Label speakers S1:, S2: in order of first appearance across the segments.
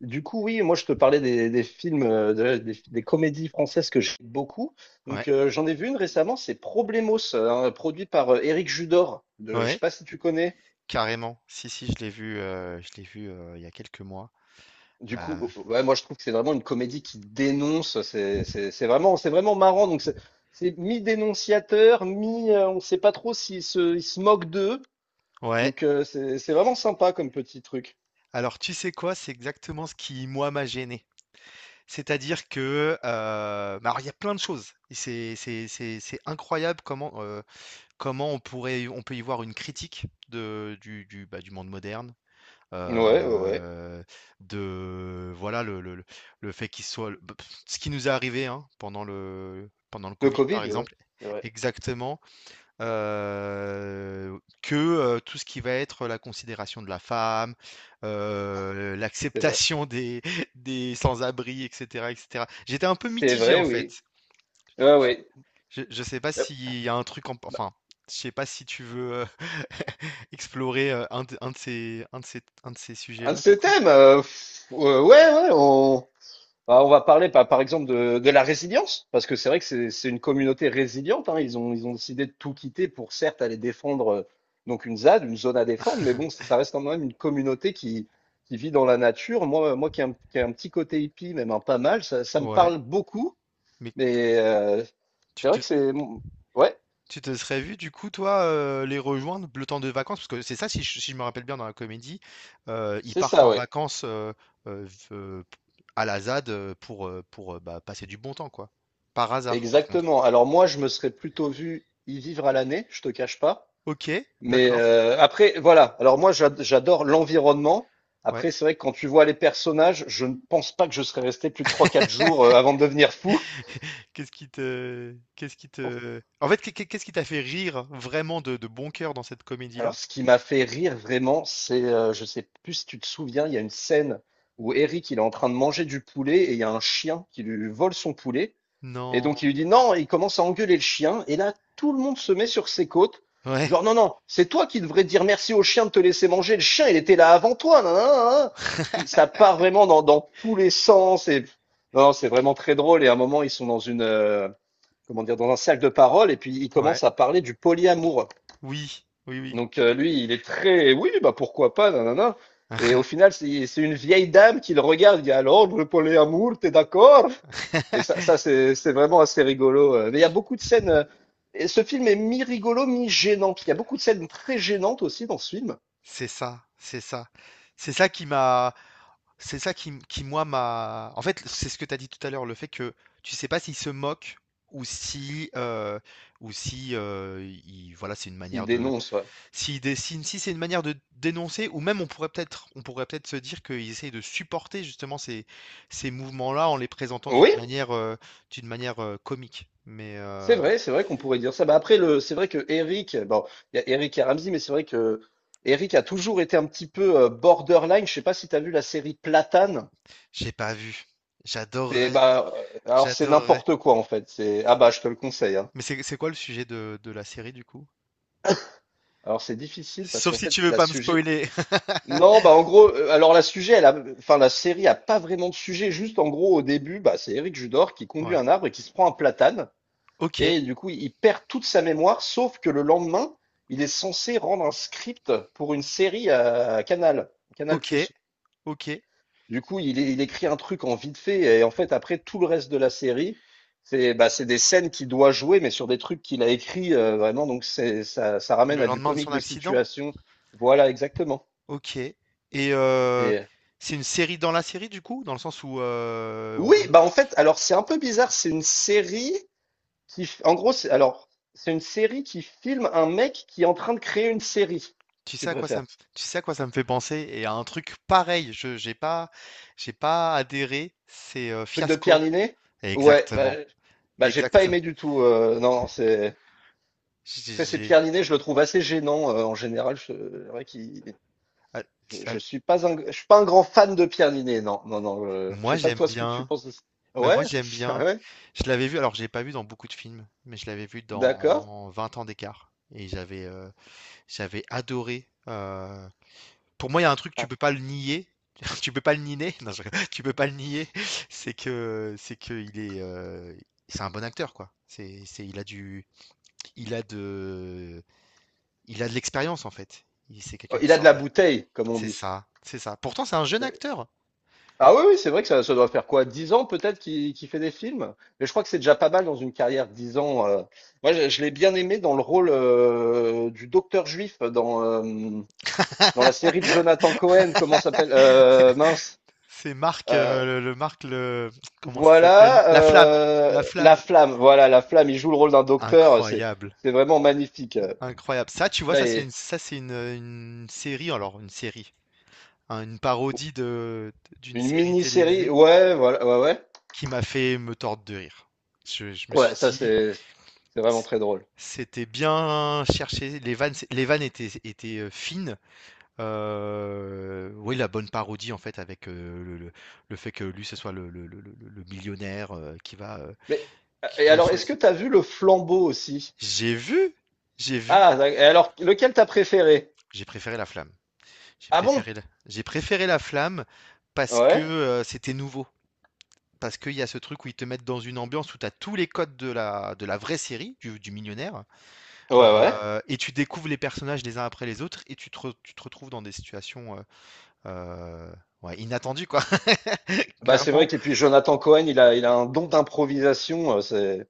S1: Du coup, oui, moi je te parlais des films, des comédies françaises que j'aime beaucoup.
S2: Ouais,
S1: Donc j'en ai vu une récemment, c'est Problemos, produit par Éric Judor. Je sais
S2: ouais,
S1: pas si tu connais.
S2: carrément. Si, si, je l'ai vu il y a quelques mois.
S1: Du coup,
S2: Euh,
S1: ouais, moi je trouve que c'est vraiment une comédie qui dénonce. C'est vraiment marrant. Donc c'est mi-dénonciateur, mi, on sait pas trop ils se moquent d'eux.
S2: ouais.
S1: Donc c'est vraiment sympa comme petit truc.
S2: Alors, tu sais quoi? C'est exactement ce qui, moi, m'a gêné. C'est-à-dire que, bah, alors, il y a plein de choses. C'est incroyable comment, comment on peut y voir une critique du, bah, du monde moderne.
S1: Ouais, ouais, ouais.
S2: euh, de voilà le le fait qu'il soit ce qui nous est arrivé hein, pendant le
S1: Le
S2: Covid par
S1: Covid, ouais.
S2: exemple.
S1: C'est vrai,
S2: Exactement. heu, que, tout ce qui va être la considération de la femme,
S1: c'est vrai.
S2: l'acceptation des des sans-abri et cetera et cetera. J'étais un peu
S1: C'est
S2: mitigé,
S1: vrai,
S2: en
S1: oui.
S2: fait.
S1: Ouais,
S2: Je
S1: ouais.
S2: je sais pas
S1: Euh,
S2: s'il y a un truc en enfin, je sais pas si tu veux, explorer, un de ces un de ces un de ces
S1: Un de
S2: sujets-là, du
S1: ces
S2: coup?
S1: thèmes, ouais, ouais, bah, on va parler par exemple de la résilience, parce que c'est vrai que c'est une communauté résiliente, hein, ils ont décidé de tout quitter pour certes aller défendre donc une ZAD, une zone à défendre, mais bon, ça reste quand même une communauté qui vit dans la nature. Moi, moi qui ai un petit côté hippie, même un pas mal, ça me
S2: Ouais,
S1: parle beaucoup,
S2: mais
S1: mais
S2: tu
S1: c'est vrai
S2: te
S1: que c'est. Ouais,
S2: tu te serais vu, du coup, toi, les rejoindre le temps de vacances? Parce que c'est ça, si je me rappelle bien dans la comédie, ils
S1: c'est
S2: partent
S1: ça,
S2: en
S1: ouais,
S2: vacances euh, v- euh, à la ZAD pour, bah, passer du bon temps, quoi. Par hasard, par contre.
S1: exactement. Alors moi, je me serais plutôt vu y vivre à l'année, je te cache pas.
S2: Ok,
S1: Mais
S2: d'accord.
S1: après, voilà. Alors moi, j'adore l'environnement.
S2: Ouais.
S1: Après, c'est vrai que quand tu vois les personnages, je ne pense pas que je serais resté plus de trois, quatre jours avant de devenir fou.
S2: Qu'est-ce qui te, en fait, qu'est- qu'est-ce qui t'a fait rire vraiment de bon cœur dans cette
S1: Alors,
S2: comédie-là?
S1: ce qui m'a fait rire vraiment, c'est, je sais plus si tu te souviens, il y a une scène où Eric, il est en train de manger du poulet et il y a un chien qui lui vole son poulet, et
S2: Non.
S1: donc il lui dit: «Non», et il commence à engueuler le chien, et là, tout le monde se met sur ses côtes,
S2: Ouais.
S1: genre: «Non, non, c'est toi qui devrais dire merci au chien de te laisser manger, le chien, il était là avant toi, nin, nin, nin, nin». Puis ça part vraiment dans tous les sens, et non, non, c'est vraiment très drôle, et à un moment, ils sont dans une, comment dire? Dans un cercle de parole, et puis ils
S2: Ouais.
S1: commencent à parler du polyamour.
S2: Oui. Oui, oui.
S1: Donc lui, il est très oui, bah pourquoi pas, nanana. Et au final, c'est une vieille dame qui le regarde, il y a alors le polyamour, t'es d'accord? Et ça c'est vraiment assez rigolo. Mais il y a beaucoup de scènes. Et ce film est mi-rigolo, mi-gênant. Il y a beaucoup de scènes très gênantes aussi dans ce film.
S2: C'est ça, c'est ça. C'est ça qui m'a, c'est ça qui moi m'a. En fait, c'est ce que tu as dit tout à l'heure, le fait que tu sais pas s'il se moque ou si, euh, ou si, voilà, c'est une
S1: S'il
S2: manière de,
S1: dénonce. Ouais.
S2: s'il dessine, si c'est une manière de dénoncer, ou même on pourrait peut-être se dire qu'ils essayent de supporter justement ces, ces mouvements-là en les présentant
S1: Oui,
S2: d'une manière comique. Mais
S1: c'est vrai qu'on pourrait dire ça. Bah après, le, c'est vrai que Eric, bon, il y a Eric et Ramsey, mais c'est vrai que Eric a toujours été un petit peu borderline. Je sais pas si tu as vu la série Platane.
S2: j'ai pas vu.
S1: C'est
S2: J'adorerais,
S1: bah alors c'est
S2: j'adorerais.
S1: n'importe quoi en fait. C'est ah bah je te le conseille hein.
S2: Mais c'est quoi le sujet de la série du coup?
S1: Alors c'est difficile parce
S2: Sauf
S1: qu'en
S2: si
S1: fait
S2: tu veux
S1: la
S2: pas me
S1: sujet,
S2: spoiler.
S1: non, bah, en gros, alors la sujet elle a, enfin, la série a pas vraiment de sujet, juste, en gros, au début, bah c'est Eric Judor qui conduit
S2: Ouais.
S1: un arbre et qui se prend un platane,
S2: Ok,
S1: et du coup il perd toute sa mémoire, sauf que le lendemain il est censé rendre un script pour une série à Canal+.
S2: ok, ok.
S1: Du coup, il écrit un truc en vite fait, et en fait, après, tout le reste de la série, bah, c'est des scènes qu'il doit jouer, mais sur des trucs qu'il a écrits, vraiment, donc c'est ça, ça ramène
S2: Le
S1: à du
S2: lendemain de son
S1: comique de
S2: accident.
S1: situation. Voilà, exactement.
S2: Ok. Et euh,
S1: Et
S2: c'est une série dans la série du coup, dans le sens où
S1: oui, bah, en fait, alors, c'est un peu bizarre, c'est une série qui f en gros, c'est, alors, c'est une série qui filme un mec qui est en train de créer une série, si
S2: tu
S1: tu
S2: sais à quoi ça
S1: préfères.
S2: me, tu sais à quoi ça me fait penser et à un truc pareil. Je j'ai pas adhéré. C'est
S1: Truc de
S2: Fiasco.
S1: Pierre Niney? Ouais, bah,
S2: Exactement.
S1: j'ai pas
S2: Exactement.
S1: aimé du tout, non, c'est.
S2: J'ai-
S1: Après, c'est
S2: j'ai-
S1: Pierre Ninet, je le trouve assez gênant en général. C'est vrai qu'il-
S2: ah,
S1: je,
S2: ah,
S1: je suis pas un grand fan de Pierre Ninet, non, non, non. Je
S2: Moi
S1: sais pas
S2: j'aime
S1: toi ce que tu
S2: bien.
S1: penses de ça.
S2: Bah,
S1: Ouais,
S2: moi, j'aime bien.
S1: ah ouais,
S2: Je l'avais vu, alors j'ai pas vu dans beaucoup de films, mais je l'avais vu
S1: d'accord.
S2: dans Vingt ans d'écart. Et j'avais j'avais adoré. Pour
S1: Ah,
S2: moi, il y a un
S1: j'ai
S2: truc,
S1: pas
S2: tu peux
S1: trop.
S2: pas le nier. Tu peux pas le nier. Non, je rigole. Tu peux pas le nier. C'est que il est c'est un bon acteur quoi. C'est il a du il a de il a de l'expérience en fait. C'est
S1: Oh,
S2: quelqu'un qui
S1: il a de
S2: sort
S1: la
S2: de
S1: bouteille, comme on
S2: C'est
S1: dit.
S2: ça, c'est ça. Pourtant, c'est un jeune
S1: C'est-
S2: acteur.
S1: Ah oui, oui, c'est vrai que ça doit faire quoi? 10 ans peut-être qu'il fait des films? Mais je crois que c'est déjà pas mal dans une carrière, 10 ans. Moi, je l'ai bien aimé dans le rôle du docteur juif dans, dans la série de Jonathan Cohen, comment ça s'appelle? Mince.
S2: C'est Marc,
S1: Euh,
S2: le Marc, le, comment ça s'appelle?
S1: Voilà,
S2: La flamme, la
S1: la
S2: flamme.
S1: flamme, voilà la flamme, il joue le rôle d'un docteur, c'est
S2: Incroyable,
S1: c'est vraiment magnifique.
S2: incroyable. Ça, tu vois,
S1: Là, et
S2: une série, alors une série, hein, une parodie de d'une
S1: une
S2: série
S1: mini-série
S2: télévisée
S1: ouais, voilà, ouais, ouais.
S2: qui m'a fait me tordre de rire. Je me suis
S1: Ouais, ça
S2: dit,
S1: c'est vraiment
S2: c-
S1: très drôle.
S2: c'était bien cherché. Les vannes étaient, étaient fines. Oui, la bonne parodie en fait, avec le fait que lui ce soit le millionnaire
S1: Mais et
S2: qui va
S1: alors est-ce que
S2: choisir.
S1: t'as vu Le Flambeau aussi?
S2: J'ai vu, j'ai vu,
S1: Ah da, et alors lequel t'as préféré?
S2: j'ai préféré la flamme.
S1: Ah bon?
S2: J'ai préféré la flamme parce que
S1: Ouais.
S2: c'était nouveau. Parce qu'il y a ce truc où ils te mettent dans une ambiance où tu as tous les codes de la vraie série, du millionnaire,
S1: Ouais, ouais.
S2: et tu découvres les personnages les uns après les autres, et tu te retrouves dans des situations euh, ouais, inattendues, quoi.
S1: Bah, c'est vrai
S2: Clairement,
S1: que puis Jonathan Cohen, il a un don d'improvisation, c'est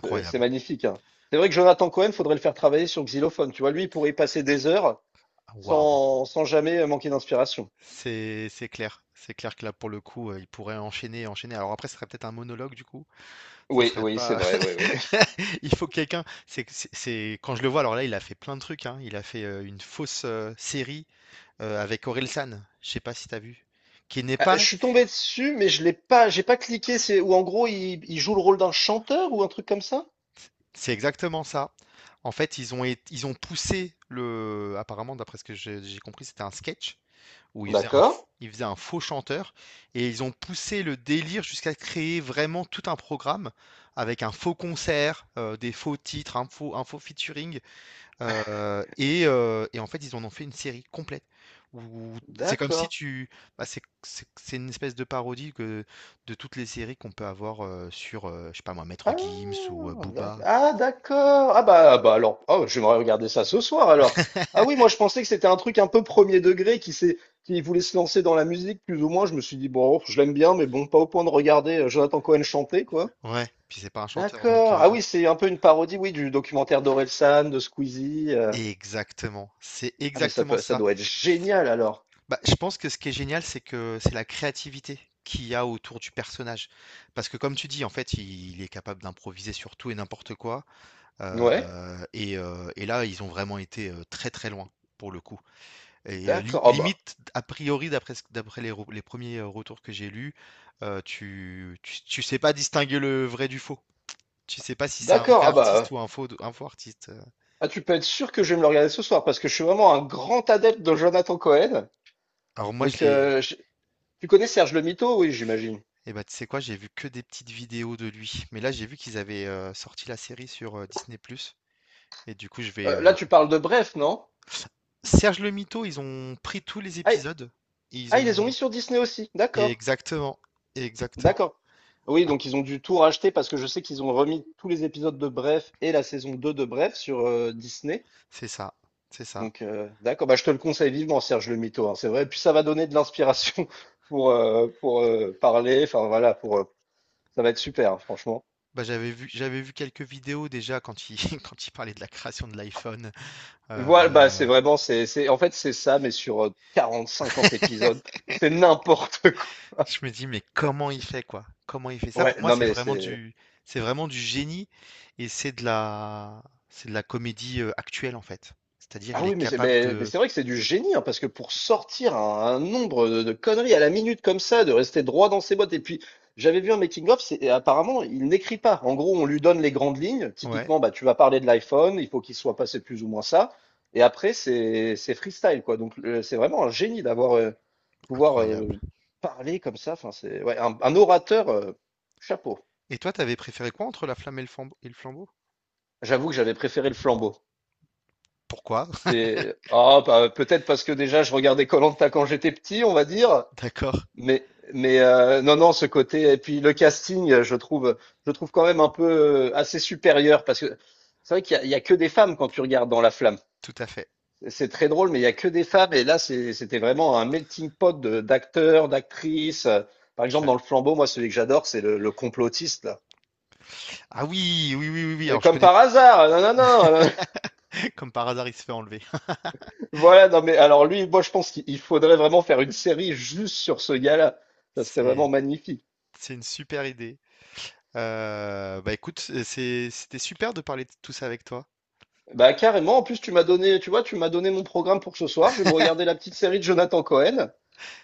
S1: c'est c'est magnifique, hein. C'est vrai que Jonathan Cohen, faudrait le faire travailler sur xylophone, tu vois? Lui, il pourrait y passer des heures,
S2: Waouh.
S1: sans jamais manquer d'inspiration.
S2: C'est clair. C'est clair que là, pour le coup, il pourrait enchaîner, enchaîner. Alors après, ce serait peut-être un monologue, du coup. Ce
S1: Oui,
S2: serait
S1: oui, c'est
S2: pas,
S1: vrai, oui, oui.
S2: il faut quelqu'un, c'est quand je le vois, alors là, il a fait plein de trucs, hein. Il a fait, une fausse, série, avec Orelsan, je sais pas si t'as vu? Qui n'est
S1: Je
S2: pas
S1: suis tombé dessus, mais je l'ai pas, j'ai pas cliqué. C'est où en gros il joue le rôle d'un chanteur ou un truc comme ça?
S2: c'est exactement ça. En fait, ils ont poussé le apparemment, d'après ce que je j'ai compris, c'était un sketch où
S1: D'accord.
S2: il faisait un faux chanteur et ils ont poussé le délire jusqu'à créer vraiment tout un programme avec un faux concert, des faux titres, un faux featuring. Et en fait, ils en ont fait une série complète où c'est comme si
S1: D'accord.
S2: tu bah, c'est c'est une espèce de parodie que de toutes les séries qu'on peut avoir, sur, je sais pas moi, Maître
S1: Ah,
S2: Gims ou, Booba.
S1: d'accord. Ah, bah alors, oh, j'aimerais regarder ça ce soir alors. Ah oui, moi je pensais que c'était un truc un peu premier degré qui voulait se lancer dans la musique plus ou moins. Je me suis dit bon, je l'aime bien, mais bon, pas au point de regarder Jonathan Cohen chanter quoi.
S2: Ouais, puis c'est pas un chanteur donc
S1: D'accord. Ah oui, c'est un peu une parodie, oui, du documentaire d'Orelsan, de Squeezie.
S2: exactement, c'est
S1: Ah mais
S2: exactement
S1: ça
S2: ça.
S1: doit être génial alors.
S2: Bah, je pense que ce qui est génial, c'est que c'est la créativité qu'il y a autour du personnage. Parce que comme tu dis, en fait, il est capable d'improviser sur tout et n'importe quoi.
S1: Ouais,
S2: Et là, ils ont vraiment été, très, très loin, pour le coup et
S1: d'accord.
S2: li
S1: Ah bah,
S2: limite, a priori, d'après les premiers, retours que j'ai lus, tu sais pas distinguer le vrai du faux. Tu sais pas si c'est un ouais,
S1: d'accord.
S2: vrai
S1: Ah bah,
S2: artiste ou un faux artiste.
S1: ah tu peux être sûr que je vais me le regarder ce soir parce que je suis vraiment un grand adepte de Jonathan Cohen.
S2: Alors moi, je
S1: Donc,
S2: l'ai
S1: tu connais Serge le Mytho, oui, j'imagine.
S2: eh ben, tu sais quoi? J'ai vu que des petites vidéos de lui, mais là, j'ai vu qu'ils avaient, sorti la série sur, Disney+ et du coup, je vais,
S1: Là, tu parles de Bref, non?
S2: Serge le Mytho, ils ont pris tous les
S1: Ah,
S2: épisodes, ils
S1: ils les ont mis
S2: ont
S1: sur Disney aussi. D'accord,
S2: exactement, exactement.
S1: d'accord. Oui, donc ils ont dû tout racheter parce que je sais qu'ils ont remis tous les épisodes de Bref et la saison 2 de Bref sur Disney.
S2: C'est ça, c'est ça.
S1: Donc, d'accord, bah, je te le conseille vivement, Serge le Mito, hein, c'est vrai. Puis ça va donner de l'inspiration pour, parler. Enfin, voilà, pour, ça va être super, hein, franchement.
S2: Bah, j'avais vu quelques vidéos déjà quand il, quand il parlait de la création de l'iPhone.
S1: Voilà, bah, c'est
S2: Euh,
S1: vraiment, en fait, c'est ça, mais sur 40, 50 épisodes. C'est n'importe quoi.
S2: je me dis, mais comment il fait quoi? Comment il fait ça?
S1: Ouais,
S2: Pour moi,
S1: non,
S2: c'est
S1: mais
S2: vraiment
S1: c'est.
S2: c'est vraiment du génie et c'est c'est de la comédie actuelle en fait. C'est-à-dire,
S1: Ah
S2: il est
S1: oui, mais c'est
S2: capable
S1: mais mais
S2: de,
S1: c'est vrai que c'est du génie, hein, parce que pour sortir un nombre de conneries à la minute comme ça, de rester droit dans ses bottes, et puis j'avais vu un making of, c'est et apparemment il n'écrit pas. En gros, on lui donne les grandes lignes.
S2: ouais,
S1: Typiquement, bah tu vas parler de l'iPhone, il faut qu'il soit passé plus ou moins ça, et après c'est freestyle quoi. Donc c'est vraiment un génie d'avoir pouvoir
S2: incroyable.
S1: parler comme ça. Enfin c'est ouais, un orateur chapeau.
S2: Et toi, t'avais préféré quoi entre la flamme et le flambeau?
S1: J'avoue que j'avais préféré le flambeau.
S2: Pourquoi?
S1: Ah, bah, peut-être parce que déjà je regardais koh quand j'étais petit, on va dire.
S2: D'accord,
S1: Mais, mais, non, non, ce côté. Et puis le casting, je trouve quand même un peu assez supérieur parce que c'est vrai qu'il y a que des femmes quand tu regardes dans La Flamme.
S2: tout à fait.
S1: C'est très drôle, mais il y a que des femmes. Et là, c'était vraiment un melting pot d'acteurs, d'actrices. Par exemple,
S2: Je-
S1: dans Le Flambeau, moi, celui que j'adore, c'est le complotiste là.
S2: Ah oui, oui, oui, oui, oui.
S1: Et
S2: Alors, je
S1: comme
S2: connais,
S1: par hasard, non, non, non, non.
S2: comme par hasard, il se fait enlever.
S1: Voilà, non, mais alors lui, moi, je pense qu'il il faudrait vraiment faire une série juste sur ce gars-là. Ça serait
S2: C'est,
S1: vraiment magnifique.
S2: c'est une super idée. Bah, écoute, c'était super de parler de tout ça avec toi.
S1: Bah carrément, en plus tu m'as donné, tu vois, tu m'as donné mon programme pour ce soir, je vais me regarder la petite série de Jonathan Cohen.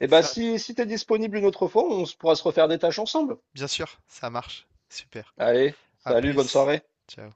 S1: Et bah
S2: Ça
S1: si t'es disponible une autre fois, pourra se refaire des tâches ensemble.
S2: bien sûr, ça marche. Super.
S1: Allez,
S2: À
S1: salut, bonne
S2: plus.
S1: soirée.
S2: Ciao.